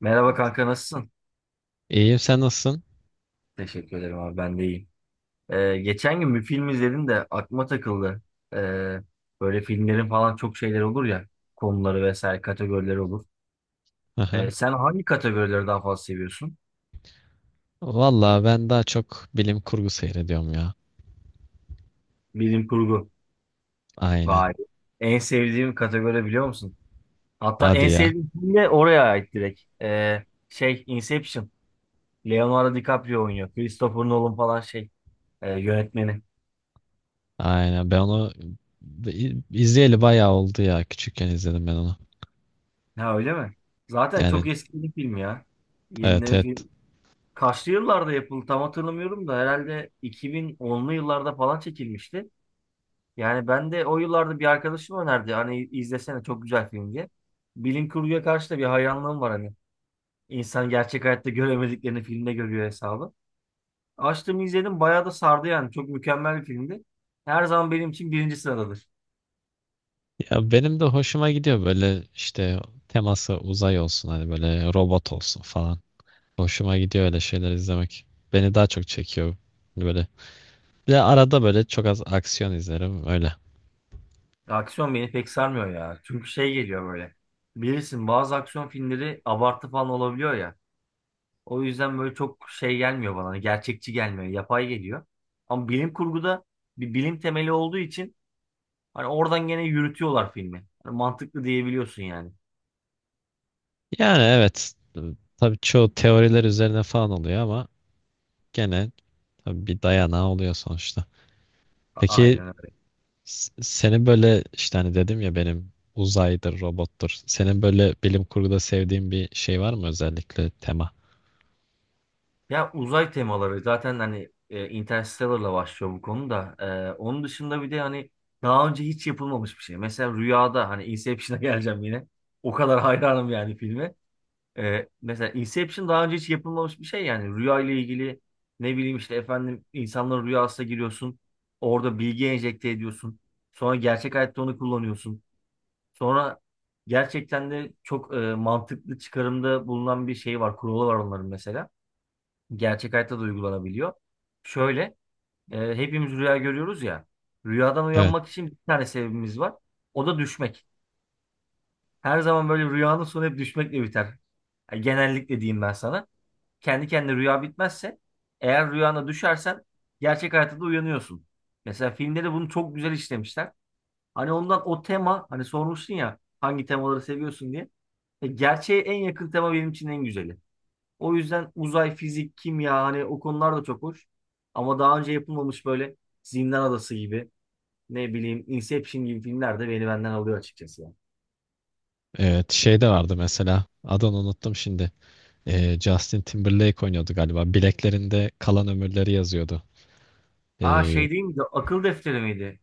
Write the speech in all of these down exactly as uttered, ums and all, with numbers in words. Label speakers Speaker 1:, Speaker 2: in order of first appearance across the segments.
Speaker 1: Merhaba kanka, nasılsın?
Speaker 2: İyiyim, sen nasılsın?
Speaker 1: Teşekkür ederim abi, ben de iyiyim. Ee, geçen gün bir film izledim de aklıma takıldı. Ee, böyle filmlerin falan çok şeyler olur ya. Konuları vesaire kategorileri olur.
Speaker 2: Aha.
Speaker 1: Ee, sen hangi kategorileri daha fazla seviyorsun?
Speaker 2: Vallahi ben daha çok bilim kurgu seyrediyorum ya.
Speaker 1: Bilim kurgu. Vay.
Speaker 2: Aynen.
Speaker 1: En sevdiğim kategori biliyor musun? Hatta
Speaker 2: Hadi
Speaker 1: en
Speaker 2: ya.
Speaker 1: sevdiğim film de oraya ait direkt. Ee, şey, Inception. Leonardo DiCaprio oynuyor. Christopher Nolan falan şey e, yönetmeni.
Speaker 2: Aynen. Ben onu izleyeli bayağı oldu ya. Küçükken izledim ben onu.
Speaker 1: Ha, öyle mi? Zaten
Speaker 2: Yani
Speaker 1: çok eski bir film ya.
Speaker 2: evet
Speaker 1: Yenileri
Speaker 2: evet.
Speaker 1: film. Kaçlı yıllarda yapıldı tam hatırlamıyorum da, herhalde iki bin onlu yıllarda falan çekilmişti. Yani ben de o yıllarda bir arkadaşım önerdi. Hani izlesene, çok güzel film diye. Bilim kurguya karşı da bir hayranlığım var hani. İnsan gerçek hayatta göremediklerini filmde görüyor hesabı. Açtım izledim, bayağı da sardı yani. Çok mükemmel bir filmdi. Her zaman benim için birinci sıradadır.
Speaker 2: Ya benim de hoşuma gidiyor böyle işte teması uzay olsun hani böyle robot olsun falan. Hoşuma gidiyor öyle şeyler izlemek. Beni daha çok çekiyor böyle. Bir de arada böyle çok az aksiyon izlerim öyle.
Speaker 1: Aksiyon beni pek sarmıyor ya. Çünkü şey geliyor böyle. Bilirsin, bazı aksiyon filmleri abartı falan olabiliyor ya. O yüzden böyle çok şey gelmiyor bana, hani gerçekçi gelmiyor. Yapay geliyor. Ama bilim kurguda bir bilim temeli olduğu için hani oradan gene yürütüyorlar filmi. Hani mantıklı diyebiliyorsun yani.
Speaker 2: Yani evet. Tabii çoğu teoriler üzerine falan oluyor ama gene tabii bir dayanağı oluyor sonuçta.
Speaker 1: A-
Speaker 2: Peki
Speaker 1: Aynen öyle.
Speaker 2: s- senin böyle işte hani dedim ya benim uzaydır, robottur. Senin böyle bilim kurguda sevdiğin bir şey var mı özellikle tema?
Speaker 1: Ya uzay temaları zaten hani e, Interstellar'la başlıyor bu konuda. E, onun dışında bir de hani daha önce hiç yapılmamış bir şey. Mesela rüyada, hani Inception'a geleceğim yine. O kadar hayranım yani filme. Ee, mesela Inception daha önce hiç yapılmamış bir şey yani. Rüya ile ilgili, ne bileyim işte efendim, insanların rüyasına giriyorsun, orada bilgi enjekte ediyorsun, sonra gerçek hayatta onu kullanıyorsun. Sonra gerçekten de çok e, mantıklı çıkarımda bulunan bir şey var, kuralı var onların. Mesela gerçek hayatta da uygulanabiliyor şöyle: e, hepimiz rüya görüyoruz ya, rüyadan
Speaker 2: Evet,
Speaker 1: uyanmak için bir tane sebebimiz var, o da düşmek. Her zaman böyle rüyanın sonu hep düşmekle biter. Yani genellikle diyeyim ben sana, kendi kendine rüya bitmezse, eğer rüyana düşersen, gerçek hayatta da uyanıyorsun. Mesela filmde de bunu çok güzel işlemişler. Hani ondan, o tema, hani sormuşsun ya hangi temaları seviyorsun diye. E, gerçeğe en yakın tema benim için en güzeli. O yüzden uzay, fizik, kimya, hani o konular da çok hoş. Ama daha önce yapılmamış böyle Zindan Adası gibi, ne bileyim Inception gibi filmler de beni benden alıyor açıkçası ya.
Speaker 2: evet şey de vardı mesela adını unuttum şimdi. Ee, Justin Timberlake oynuyordu galiba. Bileklerinde kalan ömürleri yazıyordu.
Speaker 1: Aa,
Speaker 2: Ee,
Speaker 1: şey değil miydi? Akıl defteri miydi?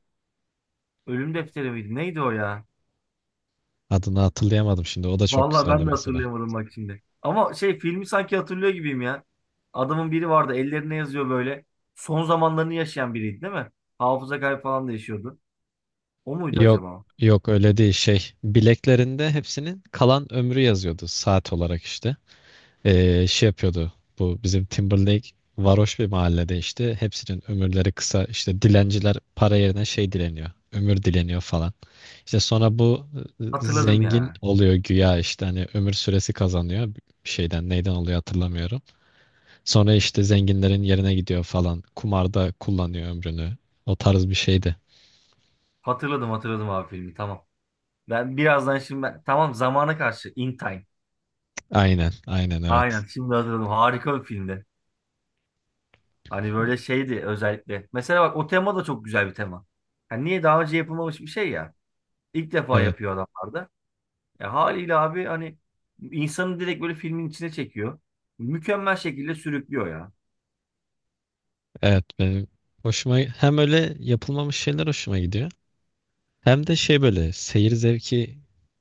Speaker 1: Ölüm defteri miydi? Neydi o ya?
Speaker 2: adını hatırlayamadım şimdi. O da çok
Speaker 1: Vallahi
Speaker 2: güzeldi
Speaker 1: ben de
Speaker 2: mesela.
Speaker 1: hatırlayamadım bak şimdi. Ama şey filmi sanki hatırlıyor gibiyim ya. Adamın biri vardı, ellerine yazıyor böyle. Son zamanlarını yaşayan biriydi değil mi? Hafıza kaybı falan da yaşıyordu. O muydu
Speaker 2: Yok,
Speaker 1: acaba?
Speaker 2: yok öyle değil şey. Bileklerinde hepsinin kalan ömrü yazıyordu saat olarak işte. Ee, şey yapıyordu. Bu bizim Timberlake varoş bir mahallede işte hepsinin ömürleri kısa, işte dilenciler para yerine şey dileniyor. Ömür dileniyor falan. İşte sonra bu e,
Speaker 1: Hatırladım
Speaker 2: zengin
Speaker 1: ya.
Speaker 2: oluyor güya, işte hani ömür süresi kazanıyor. Bir şeyden neyden oluyor hatırlamıyorum. Sonra işte zenginlerin yerine gidiyor falan. Kumarda kullanıyor ömrünü. O tarz bir şeydi.
Speaker 1: Hatırladım hatırladım abi filmi, tamam. Ben birazdan şimdi ben, tamam zamana karşı, In Time.
Speaker 2: Aynen, aynen
Speaker 1: Aynen,
Speaker 2: evet.
Speaker 1: şimdi hatırladım. Harika bir filmdi. Hani böyle şeydi özellikle. Mesela bak, o tema da çok güzel bir tema. Yani niye daha önce yapılmamış bir şey ya. İlk defa
Speaker 2: Evet,
Speaker 1: yapıyor adamlar da. E, haliyle abi, hani insanı direkt böyle filmin içine çekiyor. Mükemmel şekilde sürüklüyor ya.
Speaker 2: evet benim hoşuma hem öyle yapılmamış şeyler hoşuma gidiyor. Hem de şey böyle seyir zevki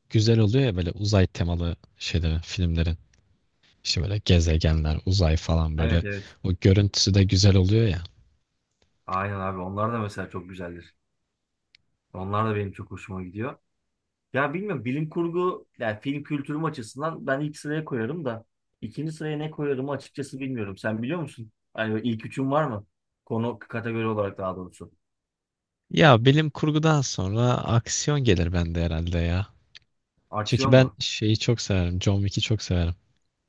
Speaker 2: güzel oluyor ya böyle uzay temalı şeylerin, filmlerin. İşte böyle gezegenler, uzay falan böyle
Speaker 1: Evet, evet.
Speaker 2: o görüntüsü de güzel oluyor ya.
Speaker 1: Aynen abi, onlar da mesela çok güzeldir. Onlar da benim çok hoşuma gidiyor. Ya bilmiyorum, bilim kurgu yani film kültürüm açısından ben ilk sıraya koyarım da ikinci sıraya ne koyarımı açıkçası bilmiyorum. Sen biliyor musun? Hani böyle ilk üçün var mı? Konu kategori olarak, daha doğrusu.
Speaker 2: Ya bilim kurgudan sonra aksiyon gelir bende herhalde ya. Çünkü
Speaker 1: Aksiyon
Speaker 2: ben
Speaker 1: mu?
Speaker 2: şeyi çok severim. John Wick'i çok severim.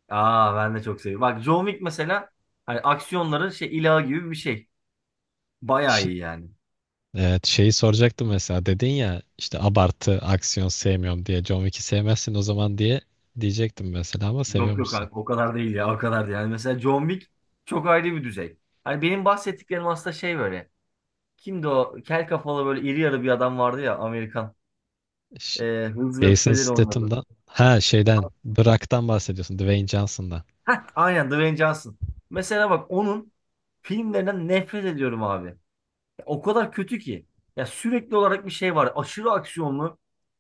Speaker 1: Aa, ben de çok seviyorum. Bak, John Wick mesela hani aksiyonların şey, ilahı gibi bir şey. Bayağı
Speaker 2: Şi-
Speaker 1: iyi yani.
Speaker 2: evet şeyi soracaktım mesela dedin ya işte abartı aksiyon sevmiyorum diye John Wick'i sevmezsin o zaman diye diyecektim mesela ama
Speaker 1: Yok yok
Speaker 2: seviyormuşsun.
Speaker 1: abi, o kadar değil ya, o kadar değil. Yani mesela John Wick çok ayrı bir düzey. Hani benim bahsettiklerim aslında şey böyle. Kimdi o? Kel kafalı böyle iri yarı bir adam vardı ya, Amerikan. Ee, Hızlı ve
Speaker 2: Jason
Speaker 1: Öfkelileri oynadı.
Speaker 2: Statham'dan ha şeyden Brock'tan bahsediyorsun, Dwayne Johnson'dan.
Speaker 1: Aynen, Dwayne Johnson. Mesela bak, onun filmlerinden nefret ediyorum abi. Ya o kadar kötü ki. Ya sürekli olarak bir şey var. Aşırı aksiyonlu.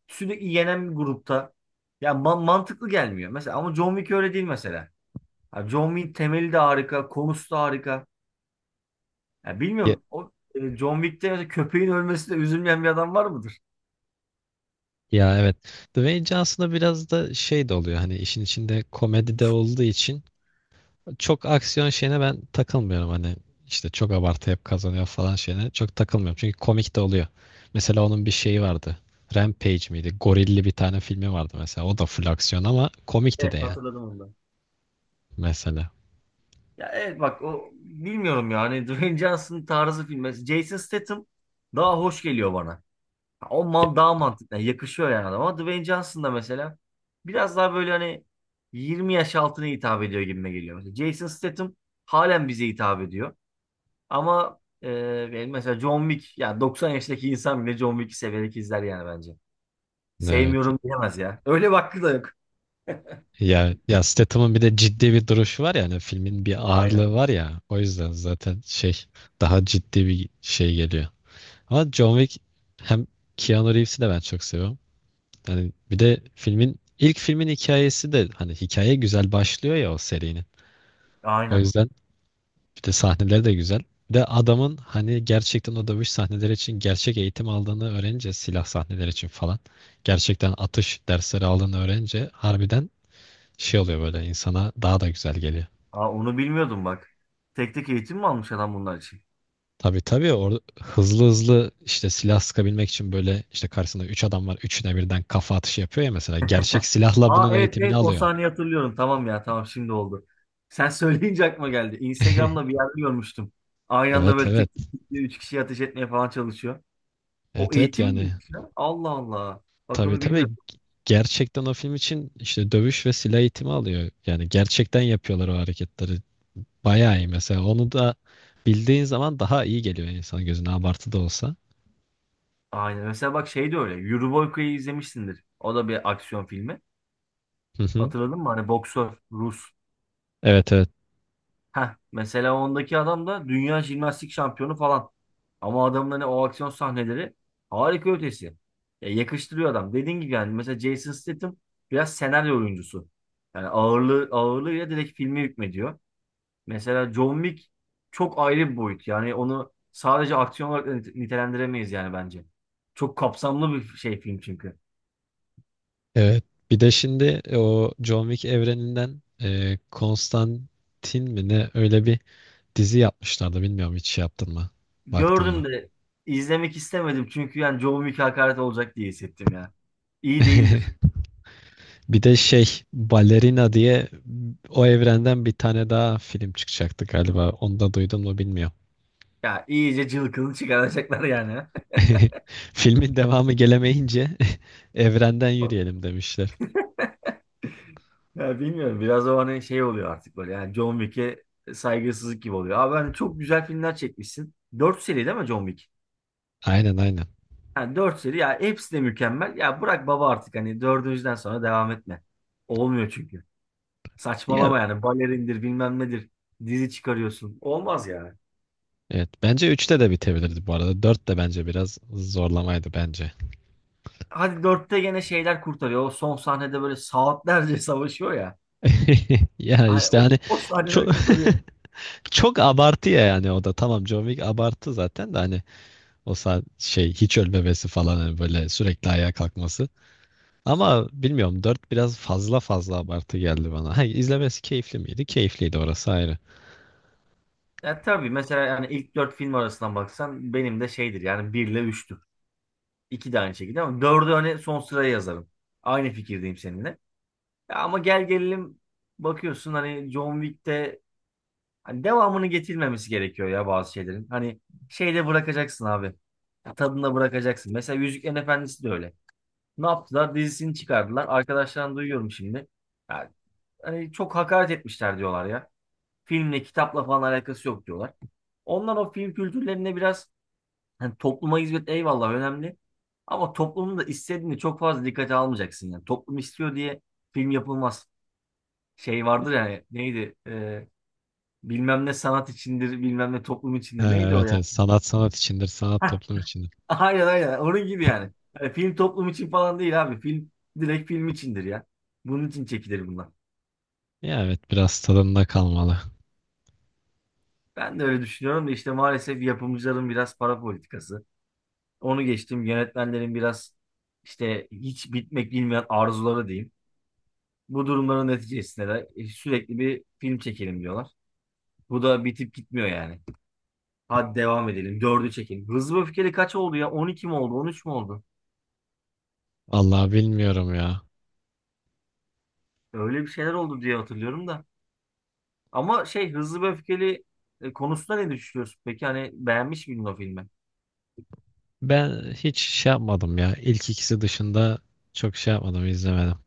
Speaker 1: Sürekli yenen bir grupta. Ya ma- mantıklı gelmiyor. Mesela ama John Wick öyle değil mesela. Ya John Wick temeli de harika. Konusu da harika. Ya
Speaker 2: Ya,
Speaker 1: bilmiyorum o e, John Wick'te mesela köpeğin ölmesine üzülmeyen bir adam var mıdır?
Speaker 2: ya evet. Dwayne Johnson'a biraz da şey de oluyor hani işin içinde komedi de olduğu için çok aksiyon şeyine ben takılmıyorum hani işte çok abartı hep kazanıyor falan şeyine çok takılmıyorum çünkü komik de oluyor. Mesela onun bir şeyi vardı. Rampage miydi? Gorilli bir tane filmi vardı mesela. O da full aksiyon ama komikti de
Speaker 1: Evet,
Speaker 2: yani
Speaker 1: hatırladım onu da.
Speaker 2: mesela.
Speaker 1: Ya evet, bak o bilmiyorum yani Dwayne Johnson tarzı filmi. Jason Statham daha hoş geliyor bana. Ha, o
Speaker 2: Ya,
Speaker 1: man daha mantıklı, yani yakışıyor yani adama. Ama Dwayne Johnson da mesela biraz daha böyle hani yirmi yaş altına hitap ediyor gibime geliyor. Mesela Jason Statham halen bize hitap ediyor. Ama e, yani mesela John Wick, ya doksan yaşındaki insan bile John Wick'i severek izler yani bence.
Speaker 2: evet.
Speaker 1: Sevmiyorum diyemez ya. Öyle bir hakkı da yok.
Speaker 2: Ya, ya Statham'ın bir de ciddi bir duruşu var ya hani filmin bir
Speaker 1: Aynen.
Speaker 2: ağırlığı var ya o yüzden zaten şey daha ciddi bir şey geliyor. Ama John Wick hem Keanu Reeves'i de ben çok seviyorum. Yani bir de filmin ilk filmin hikayesi de hani hikaye güzel başlıyor ya o serinin. O
Speaker 1: Aynen.
Speaker 2: yüzden bir de sahneleri de güzel. Bir de adamın hani gerçekten o dövüş sahneleri için gerçek eğitim aldığını öğrenince, silah sahneleri için falan gerçekten atış dersleri aldığını öğrenince harbiden şey oluyor böyle insana, daha da güzel geliyor.
Speaker 1: Aa, onu bilmiyordum bak. Tek tek eğitim mi almış adam bunlar için?
Speaker 2: Tabii tabii orada hızlı hızlı işte silah sıkabilmek için böyle işte karşısında üç adam var. Üçüne birden kafa atışı yapıyor ya mesela. Gerçek silahla
Speaker 1: Aa,
Speaker 2: bunun
Speaker 1: evet,
Speaker 2: eğitimini
Speaker 1: evet, o
Speaker 2: alıyor.
Speaker 1: sahneyi hatırlıyorum. Tamam ya, tamam, şimdi oldu. Sen söyleyince aklıma geldi. Instagram'da bir yerde görmüştüm. Aynı anda
Speaker 2: Evet
Speaker 1: böyle
Speaker 2: evet.
Speaker 1: tık tık tık diye üç kişiyi ateş etmeye falan çalışıyor. O
Speaker 2: Evet evet
Speaker 1: eğitim
Speaker 2: yani
Speaker 1: miymiş ya? Allah Allah. Bak,
Speaker 2: tabii
Speaker 1: onu
Speaker 2: tabii
Speaker 1: bilmiyordum.
Speaker 2: gerçekten o film için işte dövüş ve silah eğitimi alıyor. Yani gerçekten yapıyorlar o hareketleri. Bayağı iyi mesela. Onu da bildiğin zaman daha iyi geliyor insan gözüne abartı da olsa.
Speaker 1: Aynen. Mesela bak, şey de öyle. Euroboyka'yı izlemişsindir. O da bir aksiyon filmi.
Speaker 2: Hı hı.
Speaker 1: Hatırladın mı? Hani boksör, Rus.
Speaker 2: Evet evet.
Speaker 1: Heh, mesela ondaki adam da dünya jimnastik şampiyonu falan. Ama adamın hani o aksiyon sahneleri harika ötesi. Ya yakıştırıyor adam. Dediğin gibi yani, mesela Jason Statham biraz senaryo oyuncusu. Yani ağırlığı ağırlığıyla direkt filmi hükmediyor. Mesela John Wick çok ayrı bir boyut. Yani onu sadece aksiyon olarak da nite- nitelendiremeyiz yani bence. Çok kapsamlı bir şey film çünkü.
Speaker 2: Evet. Bir de şimdi e, o John Wick evreninden e, Konstantin mi ne öyle bir dizi yapmışlardı. Bilmiyorum, hiç şey yaptın mı? Baktın
Speaker 1: Gördüm
Speaker 2: mı?
Speaker 1: de izlemek istemedim çünkü yani John Wick hakaret olacak diye hissettim ya. İyi değildir.
Speaker 2: Bir de şey Balerina diye o evrenden bir tane daha film çıkacaktı galiba. Onu da duydun mu bilmiyorum.
Speaker 1: Ya iyice cılkını çıkaracaklar yani.
Speaker 2: Filmin devamı gelemeyince evrenden yürüyelim demişler.
Speaker 1: Ya bilmiyorum, biraz o hani şey oluyor artık böyle, yani John Wick'e saygısızlık gibi oluyor. Abi hani çok güzel filmler çekmişsin. Dört seri değil mi John Wick?
Speaker 2: Aynen aynen.
Speaker 1: Yani dört seri ya, hepsi de mükemmel. Ya bırak baba artık, hani dördüncüden sonra devam etme. Olmuyor çünkü.
Speaker 2: Ya
Speaker 1: Saçmalama yani, balerindir bilmem nedir. Dizi çıkarıyorsun. Olmaz yani.
Speaker 2: evet, bence üçte de bitebilirdi bu arada. Dört de bence biraz zorlamaydı bence.
Speaker 1: Hadi dörtte gene şeyler kurtarıyor. O son sahnede böyle saatlerce savaşıyor ya.
Speaker 2: Ya
Speaker 1: Ay,
Speaker 2: işte
Speaker 1: o,
Speaker 2: hani
Speaker 1: o sahneler
Speaker 2: çok
Speaker 1: kurtarıyor.
Speaker 2: çok abartı ya, yani o da tamam, John Wick abartı zaten, de hani o saat şey hiç ölmemesi falan hani böyle sürekli ayağa kalkması. Ama bilmiyorum, dört biraz fazla fazla abartı geldi bana. Ha, izlemesi keyifli miydi? Keyifliydi, orası ayrı.
Speaker 1: Ya tabii, mesela yani ilk dört film arasından baksan benim de şeydir yani, bir ile üçtür. İki de aynı şekilde, ama dördü hani son sıraya yazarım. Aynı fikirdeyim seninle. Ya ama gel gelelim, bakıyorsun hani John Wick'te hani devamını getirmemesi gerekiyor ya bazı şeylerin. Hani şeyde bırakacaksın abi. Tadında bırakacaksın. Mesela Yüzüklerin Efendisi de öyle. Ne yaptılar? Dizisini çıkardılar. Arkadaşlardan duyuyorum şimdi. Ya, hani çok hakaret etmişler diyorlar ya. Filmle, kitapla falan alakası yok diyorlar. Onlar o film kültürlerine biraz, hani topluma hizmet, eyvallah, önemli. Ama toplumun da istediğini çok fazla dikkate almayacaksın yani. Toplum istiyor diye film yapılmaz. Şey vardır yani, neydi? Ee, bilmem ne sanat içindir, bilmem ne toplum
Speaker 2: Ha,
Speaker 1: içindir. Neydi o
Speaker 2: evet
Speaker 1: ya?
Speaker 2: evet, sanat sanat içindir, sanat
Speaker 1: Hah,
Speaker 2: toplum içindir.
Speaker 1: aynen aynen. Onun gibi yani. Yani film toplum için falan değil abi. Film direkt film içindir ya. Bunun için çekilir bunlar.
Speaker 2: Ya evet, biraz tadında kalmalı.
Speaker 1: Ben de öyle düşünüyorum da işte maalesef yapımcıların biraz para politikası. Onu geçtim. Yönetmenlerin biraz işte hiç bitmek bilmeyen arzuları diyeyim. Bu durumların neticesinde de e, sürekli bir film çekelim diyorlar. Bu da bitip gitmiyor yani. Hadi devam edelim. Dördü çekelim. Hızlı ve Öfkeli kaç oldu ya? On iki mi oldu? On üç mü oldu?
Speaker 2: Allah bilmiyorum ya.
Speaker 1: Öyle bir şeyler oldu diye hatırlıyorum da. Ama şey Hızlı ve Öfkeli e, konusunda ne düşünüyorsun? Peki hani beğenmiş miydin o filmi?
Speaker 2: Ben hiç şey yapmadım ya. İlk ikisi dışında çok şey yapmadım, izlemedim.